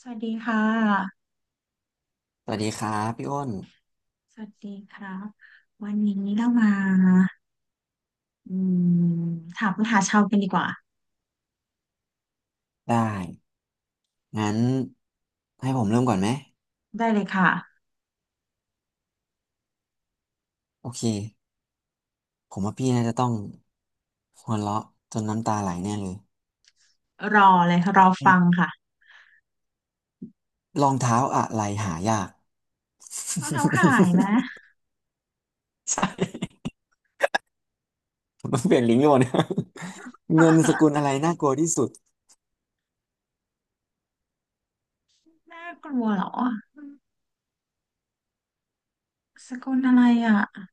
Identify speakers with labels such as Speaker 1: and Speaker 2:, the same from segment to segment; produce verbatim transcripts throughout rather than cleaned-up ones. Speaker 1: สวัสดีค่ะ
Speaker 2: สวัสดีครับพี่อ้น
Speaker 1: สวัสดีครับ วันนี้เรามาอืมถามปัญหาชาวกันดีกว่า
Speaker 2: ได้งั้นให้ผมเริ่มก่อนไหม
Speaker 1: ได้เลยค่ะ
Speaker 2: โอเคผมว่าพี่น่าจะต้องหัวเราะจนน้ำตาไหลแน่เลย
Speaker 1: รอเลยรอฟัง
Speaker 2: อ
Speaker 1: ค่ะ
Speaker 2: รองเท้าอะไรหายาก
Speaker 1: รองเท้าหายไหม
Speaker 2: ใช่ผมต้องเปลี่ยนลิงก์ก่อน เงินสกุล อะไรน่ากลัวที่สุด
Speaker 1: น่ากลัวเหรอสกุลอะไรอ่ะ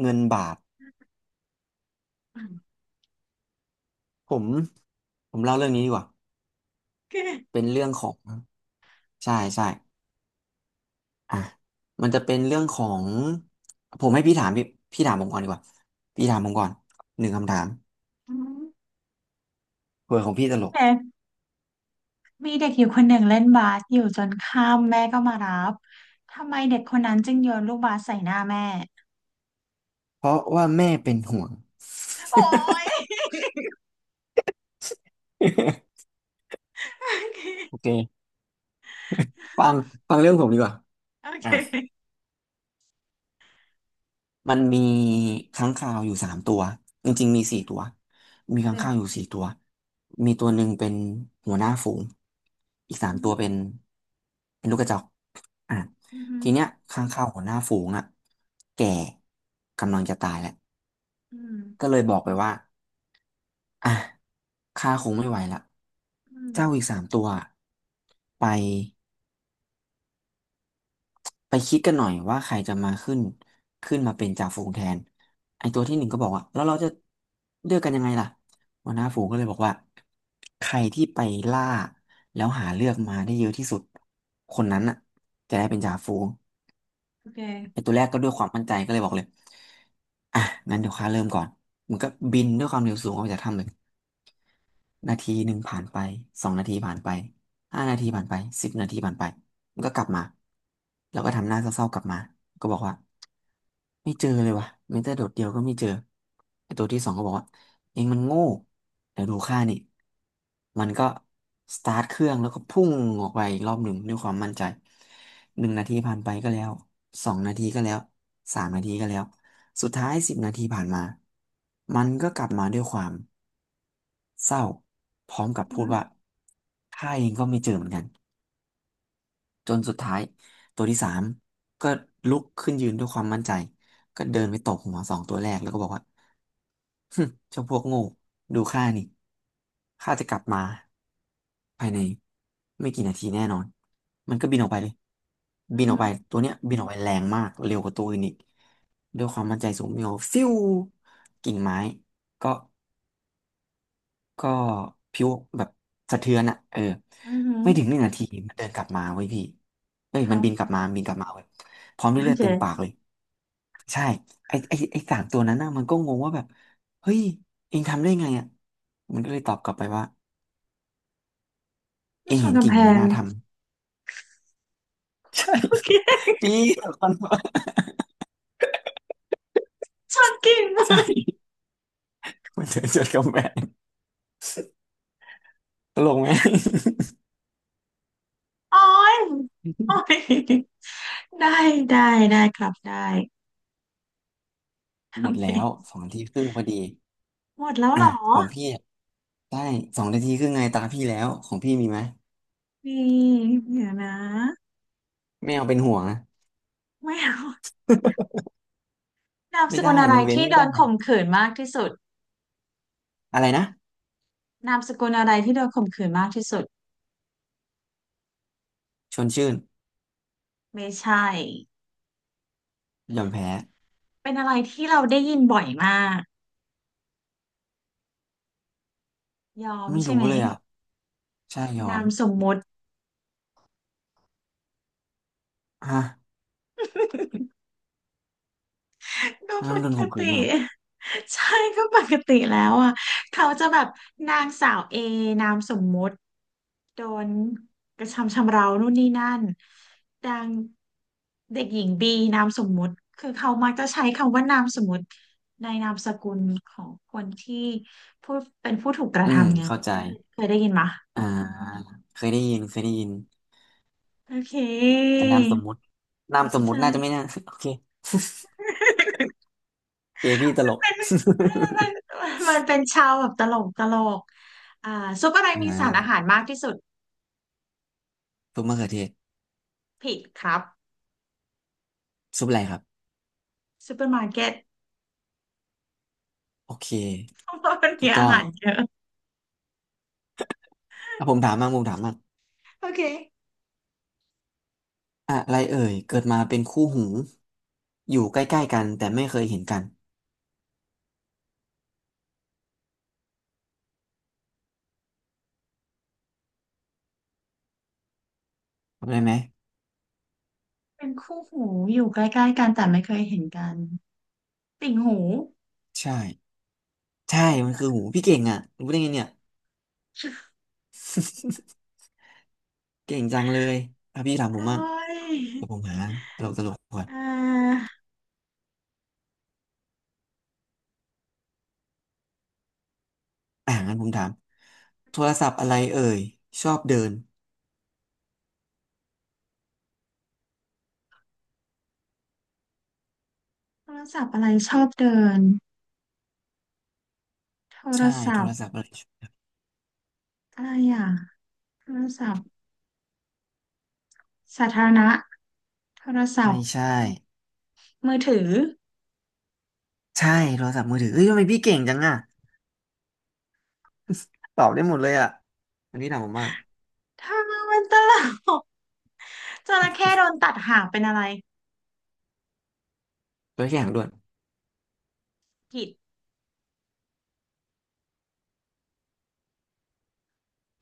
Speaker 2: เงินบาทผมผมเล่าเรื่องนี้ดีกว่า
Speaker 1: เด
Speaker 2: เป็นเรื่องของใช่ใช่ อ่ะมันจะเป็นเรื่องของผมให้พี่ถามพี่พี่ถามผมก่อนดีกว่าพี่ถามผมก่อนหนึ่งคำถามเผื่อของพี่ตลก
Speaker 1: ็ มีเด็กอยู่คนหนึ่งเล่นบาสอยู่จนข้ามแม่ก็มารับทำไมเด็กคนนั้นจึงโยนลูกบาสใส่หน้าแม่
Speaker 2: เพราะว่าแม่เป็นห่วง
Speaker 1: โอ้ย
Speaker 2: โอเคฟังฟังเรื่องผมดีกว่า
Speaker 1: โอเค
Speaker 2: อ่ะ
Speaker 1: โอเค
Speaker 2: มันมีค้างคาวอยู่สามตัวจริงๆมีสี่ตัว
Speaker 1: โอ
Speaker 2: มีค้างคาว
Speaker 1: เค
Speaker 2: อยู่สี่ตัวมีตัวหนึ่งเป็นหัวหน้าฝูงอีกสา
Speaker 1: อื
Speaker 2: มตัว
Speaker 1: ม
Speaker 2: เป็นเป็นลูกกระจอกอ่ะ
Speaker 1: อหืม
Speaker 2: ทีเนี้ยค้างคาวหัวหน้าฝูงอ่ะแก่กำลังจะตายแล้ว
Speaker 1: ออืม
Speaker 2: ก็เลยบอกไปว่าอ่ะข้าคงไม่ไหวละ
Speaker 1: อืม
Speaker 2: เจ้าอีกสามตัวอะไปไปคิดกันหน่อยว่าใครจะมาขึ้นขึ้นมาเป็นจ่าฝูงแทนไอตัวที่หนึ่งก็บอกว่าแล้วเราจะเลือกกันยังไงล่ะหัวหน้าฝูงก็เลยบอกว่าใครที่ไปล่า แล้วหาเลือกมาได้เยอะที่สุดคนนั้นน่ะจะได้เป็นจ่าฝูง
Speaker 1: โอเค
Speaker 2: ไอตัวแรกก็ด้วยความมั่นใจก็เลยบอกเลยอ่ะงั้นเดี๋ยวข้าเริ่มก่อนมันก็บินด้วยความเร็วสูงออกจากถ้ำเลย นาทีหนึ่งผ่านไปสองนาทีผ่านไปห้านาทีผ่านไปสิบนาทีผ่านไปมันก็กลับมาแล้วก็ทำหน้าเศร้าๆกลับมาก็บอกว่าไม่เจอเลยวะแม้แต่โดดเดียวก็ไม่เจอไอ้ตัวที่สองก็บอกว่าเองมันโง่เดี๋ยวดูข้านี่มันก็สตาร์ทเครื่องแล้วก็พุ่งออกไปอีกรอบหนึ่งด้วยความมั่นใจหนึ่งนาทีผ่านไปก็แล้วสองนาทีก็แล้วสามนาทีก็แล้ว สุดท้ายสิบนาทีผ่านมา มันก็กลับมาด้วยความเศร้าพร้อมกับ
Speaker 1: อื
Speaker 2: พูด
Speaker 1: ม
Speaker 2: ว่าข้าเองก็ไม่เจอเหมือนกันจนสุดท้ายตัวที่สามก็ลุกขึ้นยืนด้วยความมั่นใจก็เดินไปตบหัวสองตัวแรกแล้วก็บอกว่า ฮึเจ้าพวกโง่ดูข้านี่ข้าจะกลับมาภายในไม่กี่นาทีแน่นอนมันก็บินออกไปเลย
Speaker 1: อื
Speaker 2: บินออกไป
Speaker 1: ม
Speaker 2: ตัวเนี้ยบินออกไปแรงมากเร็วกว่าตัวอื่นอีกด้วยความมั่นใจสูงบินออกฟิวกิ่งไม้ก็ ก็ผิวแบบสะเทือนอะเออ
Speaker 1: อืมอืม
Speaker 2: ไม่ถึงหนึ่งนาทีมันเดินกลับมาเว้ยพี่เอ้
Speaker 1: ค
Speaker 2: ย
Speaker 1: รั
Speaker 2: มันบินกลับ
Speaker 1: บ
Speaker 2: มาบินกลับมาเว้ยพร้อม
Speaker 1: โอ
Speaker 2: ด้วยเลือดเต็มปาก
Speaker 1: เค
Speaker 2: เลยใช่ไอ้ไอ้ไอ้สามตัวนั้นน่ะมันก็งงว่าแบบเฮ้ยเองทำได้ไงอ่ะมันก็เลยตอบกลับไปว่าเอง
Speaker 1: ชน
Speaker 2: เห็น
Speaker 1: กำ
Speaker 2: กิ่
Speaker 1: แพ
Speaker 2: งไม้ห
Speaker 1: ง
Speaker 2: น้าทำ ใช่
Speaker 1: โอเค
Speaker 2: ปี่ตะคกนว่า
Speaker 1: ชนกิ่ง
Speaker 2: ใช่มันเดินจนกำแพงตลกไหม
Speaker 1: โอ้ยโอ้ย ได้ได้ได้ครับได้
Speaker 2: ห
Speaker 1: โอ
Speaker 2: มดแล้ว
Speaker 1: เค
Speaker 2: สองนาทีครึ่งพอดี
Speaker 1: หมดแล้ว
Speaker 2: อ่ะ
Speaker 1: เหรอ
Speaker 2: ของพี่อะได้สองนาทีครึ่งไงตาพี่แล้วของพี่มีไหม
Speaker 1: นี่เดี๋ยวนะ
Speaker 2: ไม่เอาเป็นห่วงนะ
Speaker 1: ไม่เอานามส
Speaker 2: ไม่
Speaker 1: กุล
Speaker 2: ได้
Speaker 1: อะไร
Speaker 2: มันเว้น
Speaker 1: ที่
Speaker 2: ไม่
Speaker 1: โด
Speaker 2: ได้
Speaker 1: นข่มขืนมากที่สุด
Speaker 2: อะไรนะ
Speaker 1: นามสกุลอะไรที่โดนข่มขืนมากที่สุด
Speaker 2: ชวนชื่น
Speaker 1: ไม่ใช่
Speaker 2: ยอมแพ้
Speaker 1: เป็นอะไรที่เราได้ยินบ่อยมากยอม
Speaker 2: ไม่
Speaker 1: ใช่
Speaker 2: รู้
Speaker 1: ไหม
Speaker 2: เลยอ่ะใช่ยอ
Speaker 1: นา
Speaker 2: ม
Speaker 1: มสมมุติ
Speaker 2: ฮะ
Speaker 1: ก็ป
Speaker 2: งั้นโดน
Speaker 1: ก
Speaker 2: ข่มขื
Speaker 1: ติ
Speaker 2: นเหรอ
Speaker 1: ใช่ก็ปกติแล้วอ่ะเขาจะแบบนางสาวเอนามสมมุติโดนกระทำชำเรานู่นนี่นั่นนางเด็กหญิงบีนามสมมุติคือเขามักจะใช้คำว่านามสมมุติในนามสกุลของคนที่ผู้เป็นผู้ถูกกระ
Speaker 2: อืม
Speaker 1: ทำไง
Speaker 2: เข้าใจ
Speaker 1: เคยเคยได้ยินมะ
Speaker 2: อ่าเคยได้ยินเคยได้ยิน
Speaker 1: โอเค
Speaker 2: แต่นามสมมุตินามสมมุติ
Speaker 1: ใช่
Speaker 2: น่าจะไม่น่า โอเค เกพี่ตลก
Speaker 1: เป็นมันมัน มันเป็นชาวแบบตลกตลกอ่าซุปอะไร
Speaker 2: อ่
Speaker 1: มีสารอา
Speaker 2: า
Speaker 1: หารมากที่สุด
Speaker 2: ซุปมะเขือเทศ
Speaker 1: ผิดครับ
Speaker 2: ซุปอะไรครับ
Speaker 1: ซูเปอร์มาร์เก็ต
Speaker 2: โอเค
Speaker 1: เพราะว่ามัน
Speaker 2: ถู
Speaker 1: มี
Speaker 2: ก
Speaker 1: อา
Speaker 2: ต้อง
Speaker 1: หารเยอะ
Speaker 2: อ่ะผมถามมากผมถามมาก
Speaker 1: โอเค
Speaker 2: อะไรเอ่ยเกิดมาเป็นคู่หูอยู่ใกล้ๆกันแต่ไม่เคยเห็นกันทำได้ไหม
Speaker 1: เป็นคู่หูอยู่ใกล้ๆกันแต่ไม่เคยเห็นกันติ่งหู
Speaker 2: ใช่ ใช่
Speaker 1: จริงปะ
Speaker 2: มันคือ
Speaker 1: ล่ะ
Speaker 2: หูพี่เก่งอ่ะรู้ได้ไงเนี่ย เก่งจังเลยอ่ะพี่ถามผ
Speaker 1: โอ้
Speaker 2: มมั่ง
Speaker 1: ย
Speaker 2: เดี๋ยวผมหาตลกตลกก่อน
Speaker 1: เอ่า
Speaker 2: อ่างั้นผมถามโทรศัพท์อะไรเอ่ยชอบเดิน
Speaker 1: โทรศัพท์อะไรชอบเดินโทร
Speaker 2: ใช่
Speaker 1: ศั
Speaker 2: โท
Speaker 1: พ
Speaker 2: ร
Speaker 1: ท์
Speaker 2: ศัพท์อะไร
Speaker 1: อะไรอ่ะโทรศัพท์สาธารณะโทรศัพ
Speaker 2: ไม่
Speaker 1: ท์
Speaker 2: ใช่
Speaker 1: มือถือ
Speaker 2: ใช่โทรศัพท์มือถือเฮ้ยทำไมพี่เก่งจังอ่ะตอบได้หมดเลยอ่ะอันนี้ถามผมมั่ง
Speaker 1: ถ้ามันตลกจระเข้โดนตัดหางเป็นอะไร
Speaker 2: จระเข้หางด้วน
Speaker 1: ผิด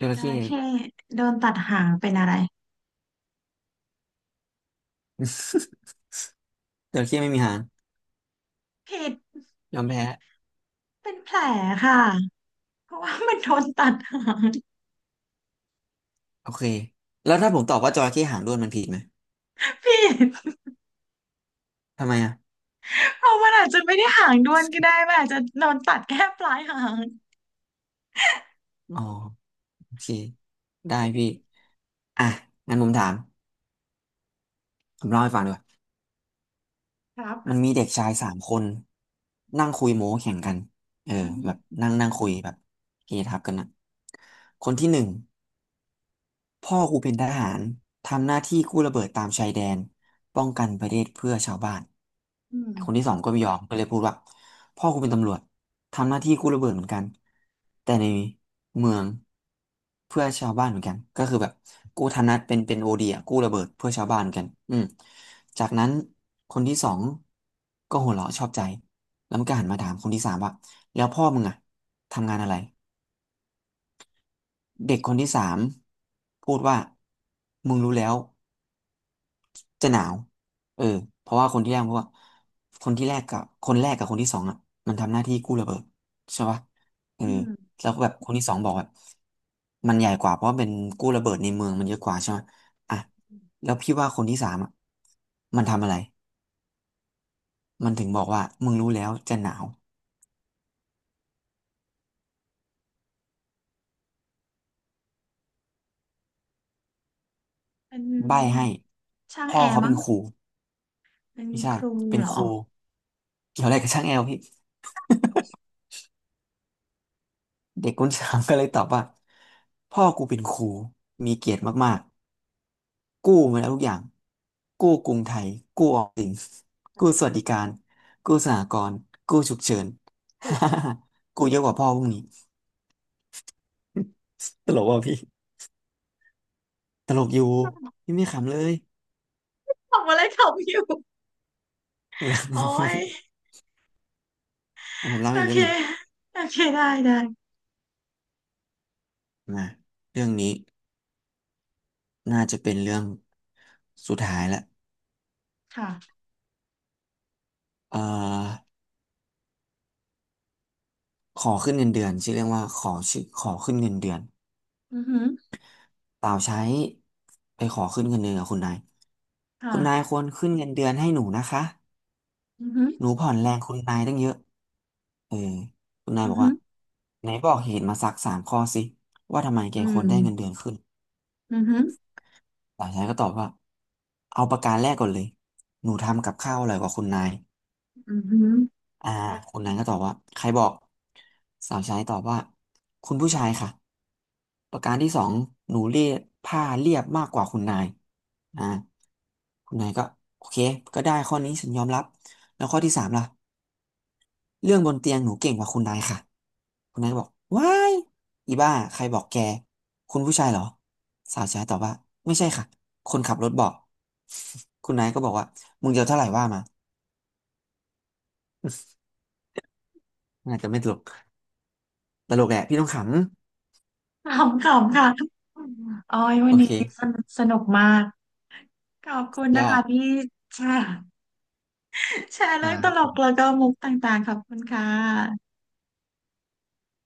Speaker 2: จ
Speaker 1: จ
Speaker 2: ระเข้
Speaker 1: ระเข้โดนตัดหางเป็นอะไร
Speaker 2: จระเข้ไม่มีหาง
Speaker 1: ผิด
Speaker 2: ยอมแพ้
Speaker 1: เป็นแผลค่ะเพราะว่ามันโดนตัดหาง
Speaker 2: โอเคแล้วถ้าผมตอบว่าจระเข้หางด้วนมันผิดไหม
Speaker 1: ผิด
Speaker 2: ทำไมอ่ะ
Speaker 1: เพราะมันอาจจะไม่ได้หางด้วนก็ได้มันอาจจะโดนตัดแค่ปลายหาง
Speaker 2: อ๋อโอเคได้พี่อ่ะงั้นผมถาม ผมเล่าให้ฟังดีกว่า
Speaker 1: ครั
Speaker 2: มัน
Speaker 1: บ
Speaker 2: มีเด็กชายสามคนนั่งคุยโม้แข่งกันเออ
Speaker 1: อือฮึ
Speaker 2: แบบนั่งนั่งคุยแบบเฮทับกันนะ คนที่หนึ่ง พ่อกูเป็นทหารทำหน้าที่กู้ระเบิดตามชายแดนป้อง
Speaker 1: อื
Speaker 2: กันประเท
Speaker 1: ม
Speaker 2: ศเพื่อชาวบ้าน
Speaker 1: อืม
Speaker 2: คนที่สองก็ไม่ยอมก็เลยพูดว่าพ่อกูเป็นตำรวจทำหน้าที่กู้ระเบิดเหมือนกันแต่ในเมืองเพื่อชาวบ้านเหมือนกันก็คือแบบกู้ธนัตเป็นเป็นโอเดียกู้ระเบิดเพื่อชาวบ้านเหมือนกันอืมจากนั้นคนที่สองก็หัวเราะชอบใจแล้วมันก็หันมาถามคนที่สามว่าแล้วพ่อมึงอะทำงานอะไร เด็กคนที่สามพูดว่ามึงรู้แล้วจะหนาวเออเพราะว่าคนที่แรกพูดว่าคนที่แรกกับคนแรกกับคนที่สองอ่ะมันทำหน้าที่กู้ระเบิดใช่ปะเออ
Speaker 1: อืม
Speaker 2: แล้วก็แบบคนที่สองบอกแบบมันใหญ่กว่าเพราะเป็นกู้ระเบิดในเมืองมันเยอะกว่าใช่ไหมอ่ะแล้วพี่ว่าคนที่สามอ่ะมันทำอะไรมันถึงบอกว่ามึงรู้แล้วจะหนาว
Speaker 1: เป็น
Speaker 2: ใบ้ให้
Speaker 1: ช่าง
Speaker 2: พ่
Speaker 1: แอ
Speaker 2: อ
Speaker 1: ร์
Speaker 2: เขาเป็
Speaker 1: มั้ง
Speaker 2: นครู
Speaker 1: เป็น
Speaker 2: ไม่ใช่
Speaker 1: ครู
Speaker 2: เป็น
Speaker 1: เหร
Speaker 2: ค
Speaker 1: อ
Speaker 2: รูเกี่ยวอะไรกับช่างแอลพี่ เด็กคนสามก็เลยตอบว่าพ่อกูเป็นครูมีเกียรติมากๆกู้มาแล้วทุกอย่างกู้กรุงไทยกู้ออมสินกู้สวัสดิการกู้สหกรณ์กู้ฉุกเฉิน กูเยอะกว่าพ่อพวกนี้ตลกว่ะพี่ตลกอยู่พี่ไม่ขำเลย
Speaker 1: ทำอะไรทำอยู่โอ้ย
Speaker 2: ผมเล่า
Speaker 1: โอ
Speaker 2: อีกเรื่
Speaker 1: เค
Speaker 2: องหนึ่ง
Speaker 1: โอเคได้ได้
Speaker 2: มาเรื่องนี้น่าจะเป็นเรื่องสุดท้ายละ
Speaker 1: ค่ะ
Speaker 2: เอ่อขอขึ้นเงินเดือนชื่อเรื่องว่าขอชื่อขอขึ้นเงินเดือน
Speaker 1: อือฮึ
Speaker 2: เปล่าใช้ไปขอขึ้นเงินเดือนกับคุณนาย คุณนาย
Speaker 1: ค่ะ
Speaker 2: ควรขึ้นเงินเดือนให้หนูนะคะ
Speaker 1: อือฮึ
Speaker 2: หนูผ่อนแรงคุณนายตั้งเยอะ เออคุณนาย
Speaker 1: อื
Speaker 2: บ
Speaker 1: อ
Speaker 2: อก
Speaker 1: ฮึ
Speaker 2: ว่าไหนบอกเหตุมาสักสามข้อสิว่าทำไมแก
Speaker 1: อื
Speaker 2: ควร
Speaker 1: ม
Speaker 2: ได้เงินเดือนขึ้นต
Speaker 1: อือฮึ
Speaker 2: ล่าใช้ก็ตอบว่าเอาประการแรกก่อนเลยหนูทำกับข้าวอร่อยกว่าคุณนาย
Speaker 1: อือฮึ
Speaker 2: อ่าคนนั้นก็ตอบว่าใครบอกสาวใช้ตอบว่าคุณผู้ชายค่ะประการที่สองหนูเรียบผ้าเรียบมากกว่าคุณนายอ่าคุณนายก็โอเคก็ได้ข้อนี้ฉันยอมรับแล้วข้อที่สามล่ะเรื่องบนเตียงหนูเก่งกว่าคุณนายค่ะคุณนายก็บอกว้ายอีบ้าใครบอกแกคุณผู้ชายเหรอสาวใช้ตอบว่าไม่ใช่ค่ะคนขับรถบอก คุณนายก็บอกว่ามึงจะเอาเท่าไหร่ว่ามา อาจจะไม่ตลกตลกแหละพี่ต้องขำ
Speaker 1: ขำขำค่ะโอ้ยวั
Speaker 2: โอ
Speaker 1: น
Speaker 2: เค
Speaker 1: นี้สนุกสนุกมาก ขอบคุณ
Speaker 2: ย
Speaker 1: นะ
Speaker 2: อ
Speaker 1: คะ
Speaker 2: ด
Speaker 1: พี่แชร์แชร์เรื่องตลกแล้วก็มุกต่างๆขอบคุณค่ะ